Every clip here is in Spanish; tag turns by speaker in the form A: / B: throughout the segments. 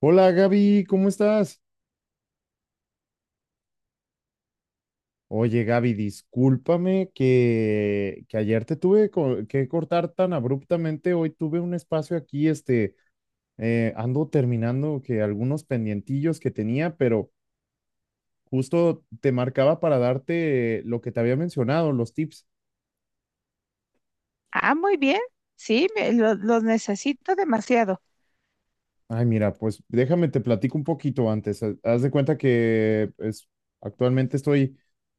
A: Hola Gaby, ¿cómo estás? Oye Gaby, discúlpame que ayer te tuve que cortar tan abruptamente. Hoy tuve un espacio aquí, ando terminando que algunos pendientillos que tenía, pero justo te marcaba para darte lo que te había mencionado, los tips.
B: Ah, muy bien. Sí, los necesito demasiado.
A: Ay, mira, pues déjame te platico un poquito antes. Haz de cuenta que pues, actualmente estoy,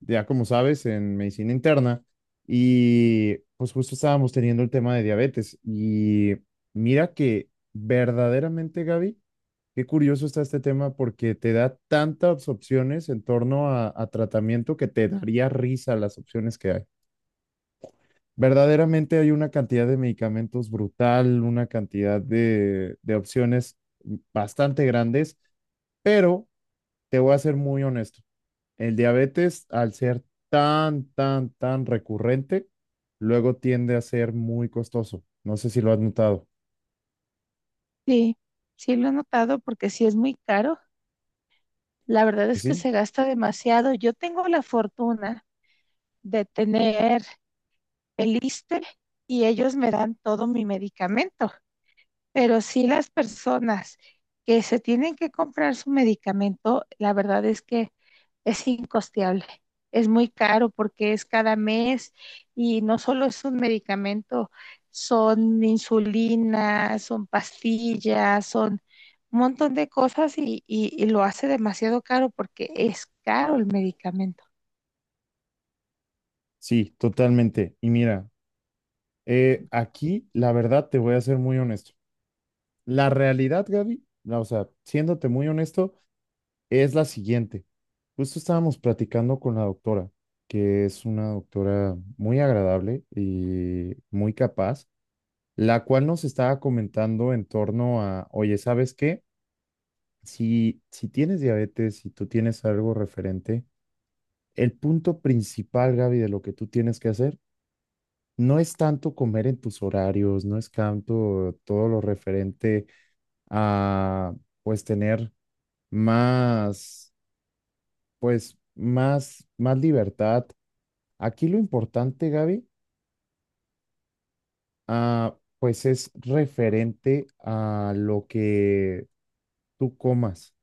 A: ya como sabes, en medicina interna y pues justo estábamos teniendo el tema de diabetes. Y mira que verdaderamente, Gaby, qué curioso está este tema porque te da tantas opciones en torno a tratamiento que te daría risa las opciones que hay. Verdaderamente hay una cantidad de medicamentos brutal, una cantidad de opciones bastante grandes, pero te voy a ser muy honesto. El diabetes, al ser tan, tan, tan recurrente, luego tiende a ser muy costoso. ¿No sé si lo has notado?
B: Sí, sí lo he notado porque sí es muy caro. La verdad es que
A: Sí,
B: se gasta demasiado. Yo tengo la fortuna de tener el ISSSTE y ellos me dan todo mi medicamento. Pero sí las personas que se tienen que comprar su medicamento, la verdad es que es incosteable. Es muy caro porque es cada mes y no solo es un medicamento, son insulinas, son pastillas, son un montón de cosas y lo hace demasiado caro porque es caro el medicamento.
A: sí, totalmente. Y mira, aquí la verdad te voy a ser muy honesto. La realidad, Gaby, o sea, siéndote muy honesto, es la siguiente. Justo estábamos platicando con la doctora, que es una doctora muy agradable y muy capaz, la cual nos estaba comentando en torno a, oye, ¿sabes qué? Si tienes diabetes, si tú tienes algo referente, el punto principal, Gaby, de lo que tú tienes que hacer no es tanto comer en tus horarios, no es tanto todo lo referente a, pues, tener más, pues, más libertad. Aquí lo importante, Gaby, pues es referente a lo que tú comas.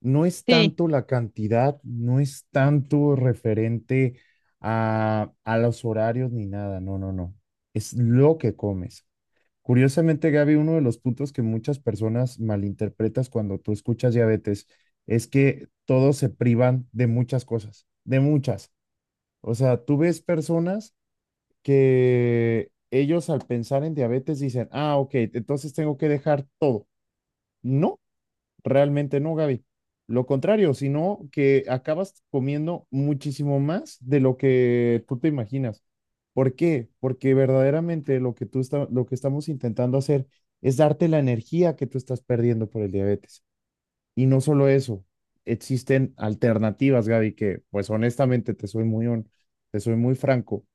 A: No es
B: Sí,
A: tanto la cantidad, no es tanto referente a los horarios ni nada, no, no, no. Es lo que comes. Curiosamente, Gaby, uno de los puntos que muchas personas malinterpretas cuando tú escuchas diabetes es que todos se privan de muchas cosas, de muchas. O sea, tú ves personas que ellos al pensar en diabetes dicen: ah, ok, entonces tengo que dejar todo. No, realmente no, Gaby. Lo contrario, sino que acabas comiendo muchísimo más de lo que tú te imaginas. ¿Por qué? Porque verdaderamente lo que estamos intentando hacer es darte la energía que tú estás perdiendo por el diabetes. Y no solo eso, existen alternativas, Gaby, que pues honestamente te soy muy franco.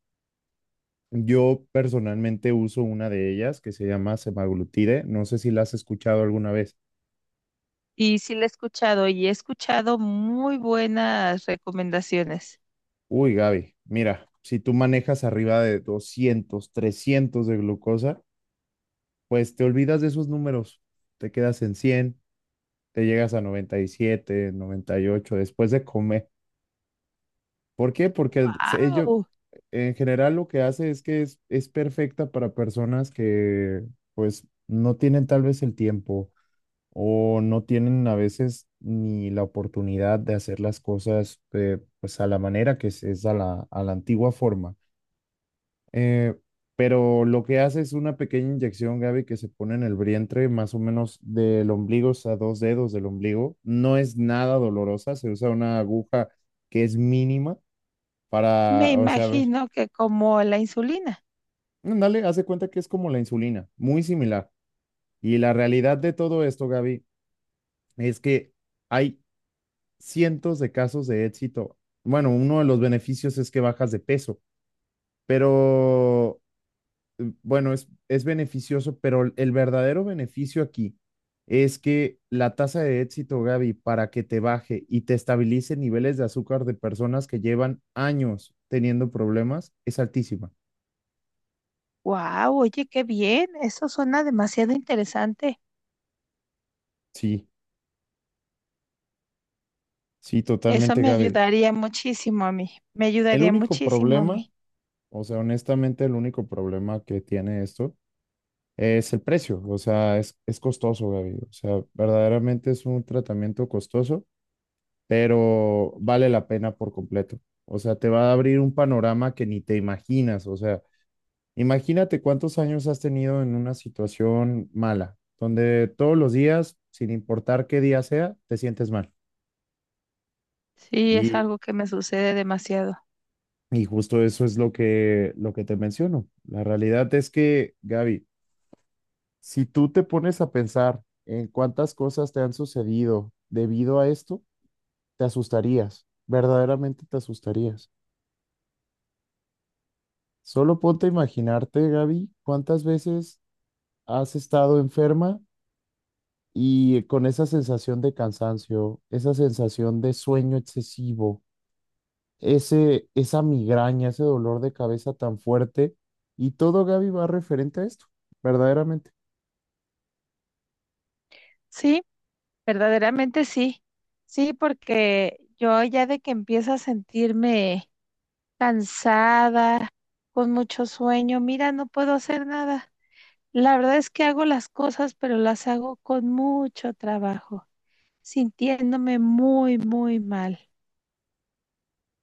A: Yo personalmente uso una de ellas que se llama semaglutide. No sé si la has escuchado alguna vez.
B: y sí la he escuchado y he escuchado muy buenas recomendaciones.
A: Uy, Gaby, mira, si tú manejas arriba de 200, 300 de glucosa, pues te olvidas de esos números. Te quedas en 100, te llegas a noventa y siete, 98 después de comer. ¿Por qué? Porque ello
B: ¡Wow!
A: en general lo que hace es que es perfecta para personas que pues no tienen tal vez el tiempo o no tienen a veces ni la oportunidad de hacer las cosas, pues a la manera que es a la antigua forma. Eh, pero lo que hace es una pequeña inyección, Gaby, que se pone en el vientre, más o menos del ombligo, o sea, dos dedos del ombligo. No es nada dolorosa, se usa una aguja que es mínima
B: Me
A: para, o sea, a ver,
B: imagino que como la insulina.
A: dale, hace cuenta que es como la insulina, muy similar. Y la realidad de todo esto, Gaby, es que hay cientos de casos de éxito. Bueno, uno de los beneficios es que bajas de peso, pero bueno, es beneficioso, pero el verdadero beneficio aquí es que la tasa de éxito, Gaby, para que te baje y te estabilice niveles de azúcar de personas que llevan años teniendo problemas, es altísima.
B: ¡Wow! Oye, qué bien. Eso suena demasiado interesante.
A: Sí, sí,
B: Eso
A: totalmente,
B: me
A: Gaby.
B: ayudaría muchísimo a mí, me
A: El
B: ayudaría
A: único
B: muchísimo a
A: problema,
B: mí.
A: o sea, honestamente, el único problema que tiene esto es el precio, o sea, es costoso, Gaby, o sea, verdaderamente es un tratamiento costoso, pero vale la pena por completo, o sea, te va a abrir un panorama que ni te imaginas, o sea, imagínate cuántos años has tenido en una situación mala, donde todos los días, sin importar qué día sea, te sientes mal.
B: Sí, es
A: Y,
B: algo que me sucede demasiado.
A: y justo eso es lo que te menciono. La realidad es que, Gaby, si tú te pones a pensar en cuántas cosas te han sucedido debido a esto, te asustarías, verdaderamente te asustarías. Solo ponte a imaginarte, Gaby, cuántas veces has estado enferma y con esa sensación de cansancio, esa sensación de sueño excesivo, ese, esa migraña, ese dolor de cabeza tan fuerte, y todo, Gaby, va referente a esto, verdaderamente.
B: Sí, verdaderamente sí. Sí, porque yo ya de que empiezo a sentirme cansada, con mucho sueño, mira, no puedo hacer nada. La verdad es que hago las cosas, pero las hago con mucho trabajo, sintiéndome muy, muy mal.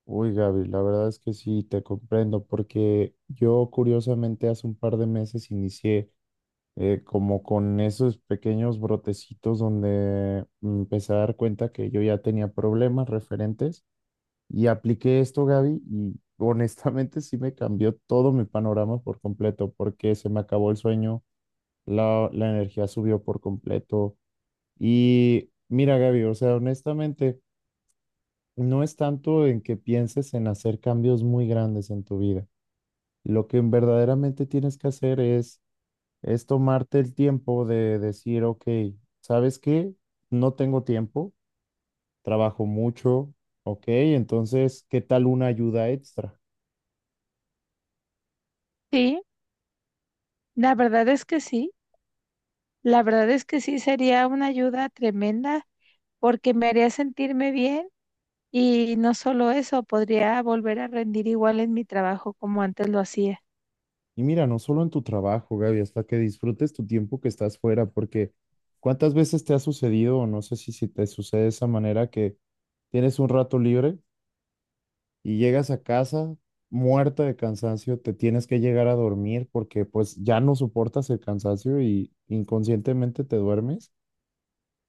A: Uy, Gaby, la verdad es que sí, te comprendo, porque yo curiosamente hace un par de meses inicié como con esos pequeños brotecitos donde me empecé a dar cuenta que yo ya tenía problemas referentes, y apliqué esto, Gaby, y honestamente sí me cambió todo mi panorama por completo, porque se me acabó el sueño, la energía subió por completo. Y mira, Gaby, o sea, honestamente. No es tanto en que pienses en hacer cambios muy grandes en tu vida. Lo que verdaderamente tienes que hacer es tomarte el tiempo de decir: ok, ¿sabes qué? No tengo tiempo, trabajo mucho, ok, entonces, ¿qué tal una ayuda extra?
B: Sí, la verdad es que sí. La verdad es que sí sería una ayuda tremenda porque me haría sentirme bien y no solo eso, podría volver a rendir igual en mi trabajo como antes lo hacía.
A: Y mira, no solo en tu trabajo, Gaby, hasta que disfrutes tu tiempo que estás fuera, porque ¿cuántas veces te ha sucedido, o no sé si te sucede de esa manera, que tienes un rato libre? Y llegas a casa muerta de cansancio, te tienes que llegar a dormir porque pues ya no soportas el cansancio y inconscientemente te duermes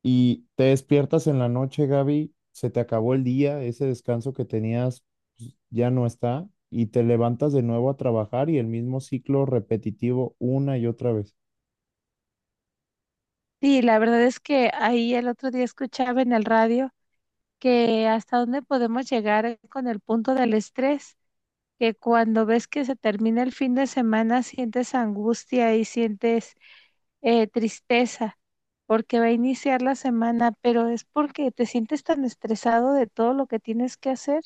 A: y te despiertas en la noche, Gaby, se te acabó el día, ese descanso que tenías pues ya no está, y te levantas de nuevo a trabajar y el mismo ciclo repetitivo una y otra vez.
B: Sí, la verdad es que ahí el otro día escuchaba en el radio que hasta dónde podemos llegar con el punto del estrés, que cuando ves que se termina el fin de semana sientes angustia y sientes tristeza porque va a iniciar la semana, pero es porque te sientes tan estresado de todo lo que tienes que hacer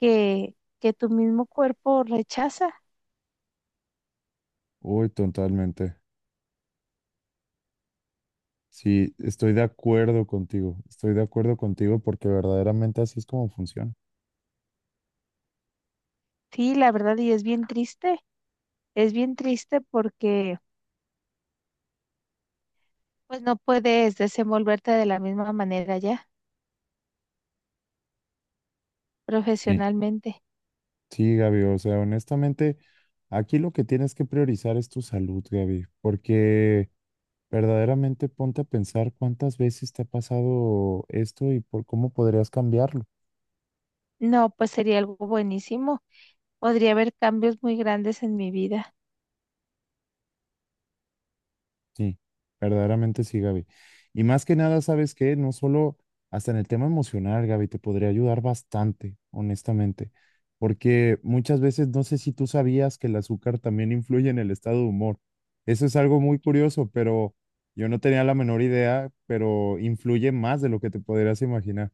B: que tu mismo cuerpo rechaza.
A: Uy, totalmente. Sí, estoy de acuerdo contigo. Estoy de acuerdo contigo porque verdaderamente así es como funciona.
B: Sí, la verdad, y es bien triste porque pues no puedes desenvolverte de la misma manera ya
A: Sí.
B: profesionalmente.
A: Sí, Gaby, o sea, honestamente, aquí lo que tienes que priorizar es tu salud, Gaby, porque verdaderamente ponte a pensar cuántas veces te ha pasado esto y por cómo podrías cambiarlo.
B: No, pues sería algo buenísimo. Podría haber cambios muy grandes en mi vida.
A: Sí, verdaderamente sí, Gaby. Y más que nada, ¿sabes qué? No solo hasta en el tema emocional, Gaby, te podría ayudar bastante, honestamente, porque muchas veces no sé si tú sabías que el azúcar también influye en el estado de humor. Eso es algo muy curioso, pero yo no tenía la menor idea, pero influye más de lo que te podrías imaginar.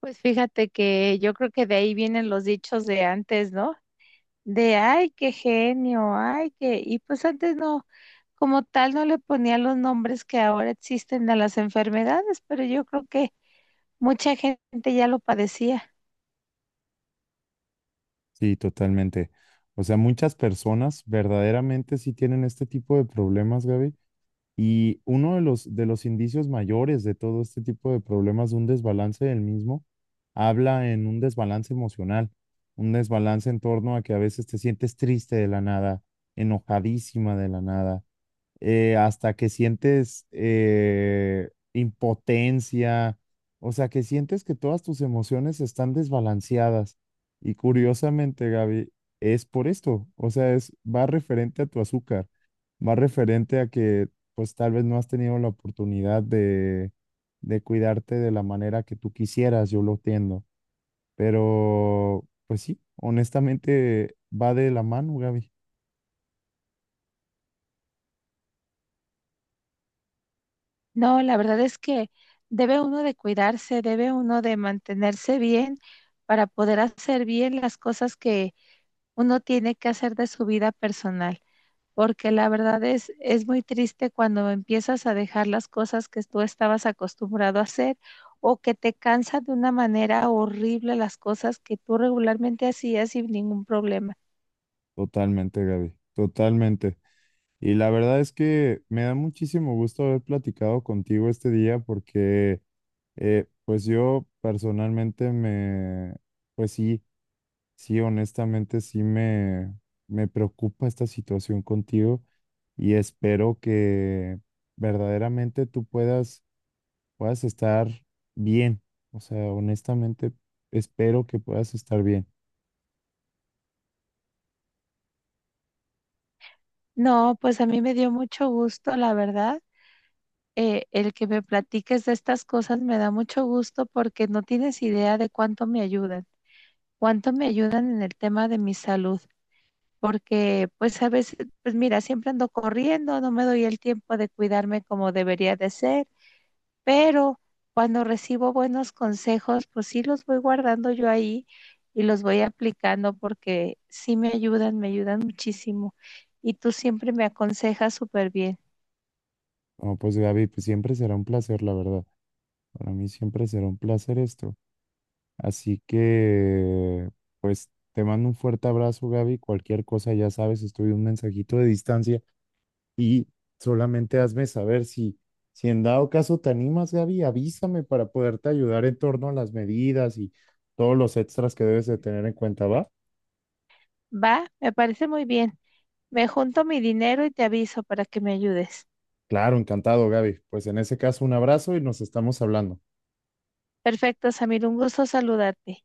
B: Pues fíjate que yo creo que de ahí vienen los dichos de antes, ¿no? De ay, qué genio, ay, qué... Y pues antes no, como tal, no le ponían los nombres que ahora existen a las enfermedades, pero yo creo que mucha gente ya lo padecía.
A: Sí, totalmente. O sea, muchas personas verdaderamente sí tienen este tipo de problemas, Gaby. Y uno de los indicios mayores de todo este tipo de problemas, de un desbalance del mismo, habla en un desbalance emocional, un desbalance en torno a que a veces te sientes triste de la nada, enojadísima de la nada, hasta que sientes impotencia, o sea, que sientes que todas tus emociones están desbalanceadas. Y curiosamente, Gaby, es por esto, o sea, va referente a tu azúcar, va referente a que pues tal vez no has tenido la oportunidad de cuidarte de la manera que tú quisieras, yo lo entiendo, pero pues sí, honestamente va de la mano, Gaby.
B: No, la verdad es que debe uno de cuidarse, debe uno de mantenerse bien para poder hacer bien las cosas que uno tiene que hacer de su vida personal, porque la verdad es muy triste cuando empiezas a dejar las cosas que tú estabas acostumbrado a hacer o que te cansa de una manera horrible las cosas que tú regularmente hacías sin ningún problema.
A: Totalmente, Gaby, totalmente. Y la verdad es que me da muchísimo gusto haber platicado contigo este día porque, pues yo personalmente me, pues sí, sí, honestamente sí me preocupa esta situación contigo y espero que verdaderamente tú puedas, estar bien. O sea, honestamente espero que puedas estar bien.
B: No, pues a mí me dio mucho gusto, la verdad el que me platiques de estas cosas me da mucho gusto porque no tienes idea de cuánto me ayudan en el tema de mi salud, porque pues a veces, pues mira, siempre ando corriendo, no me doy el tiempo de cuidarme como debería de ser, pero cuando recibo buenos consejos, pues sí los voy guardando yo ahí y los voy aplicando porque sí me ayudan muchísimo y tú siempre me aconsejas súper bien.
A: No, pues Gaby, pues siempre será un placer, la verdad. Para mí siempre será un placer esto. Así que, pues, te mando un fuerte abrazo, Gaby. Cualquier cosa, ya sabes, estoy un mensajito de distancia, y solamente hazme saber si, en dado caso te animas, Gaby, avísame para poderte ayudar en torno a las medidas y todos los extras que debes de tener en cuenta, ¿va?
B: Va, me parece muy bien. Me junto mi dinero y te aviso para que me ayudes.
A: Claro, encantado, Gaby. Pues en ese caso, un abrazo y nos estamos hablando.
B: Perfecto, Samir, un gusto saludarte.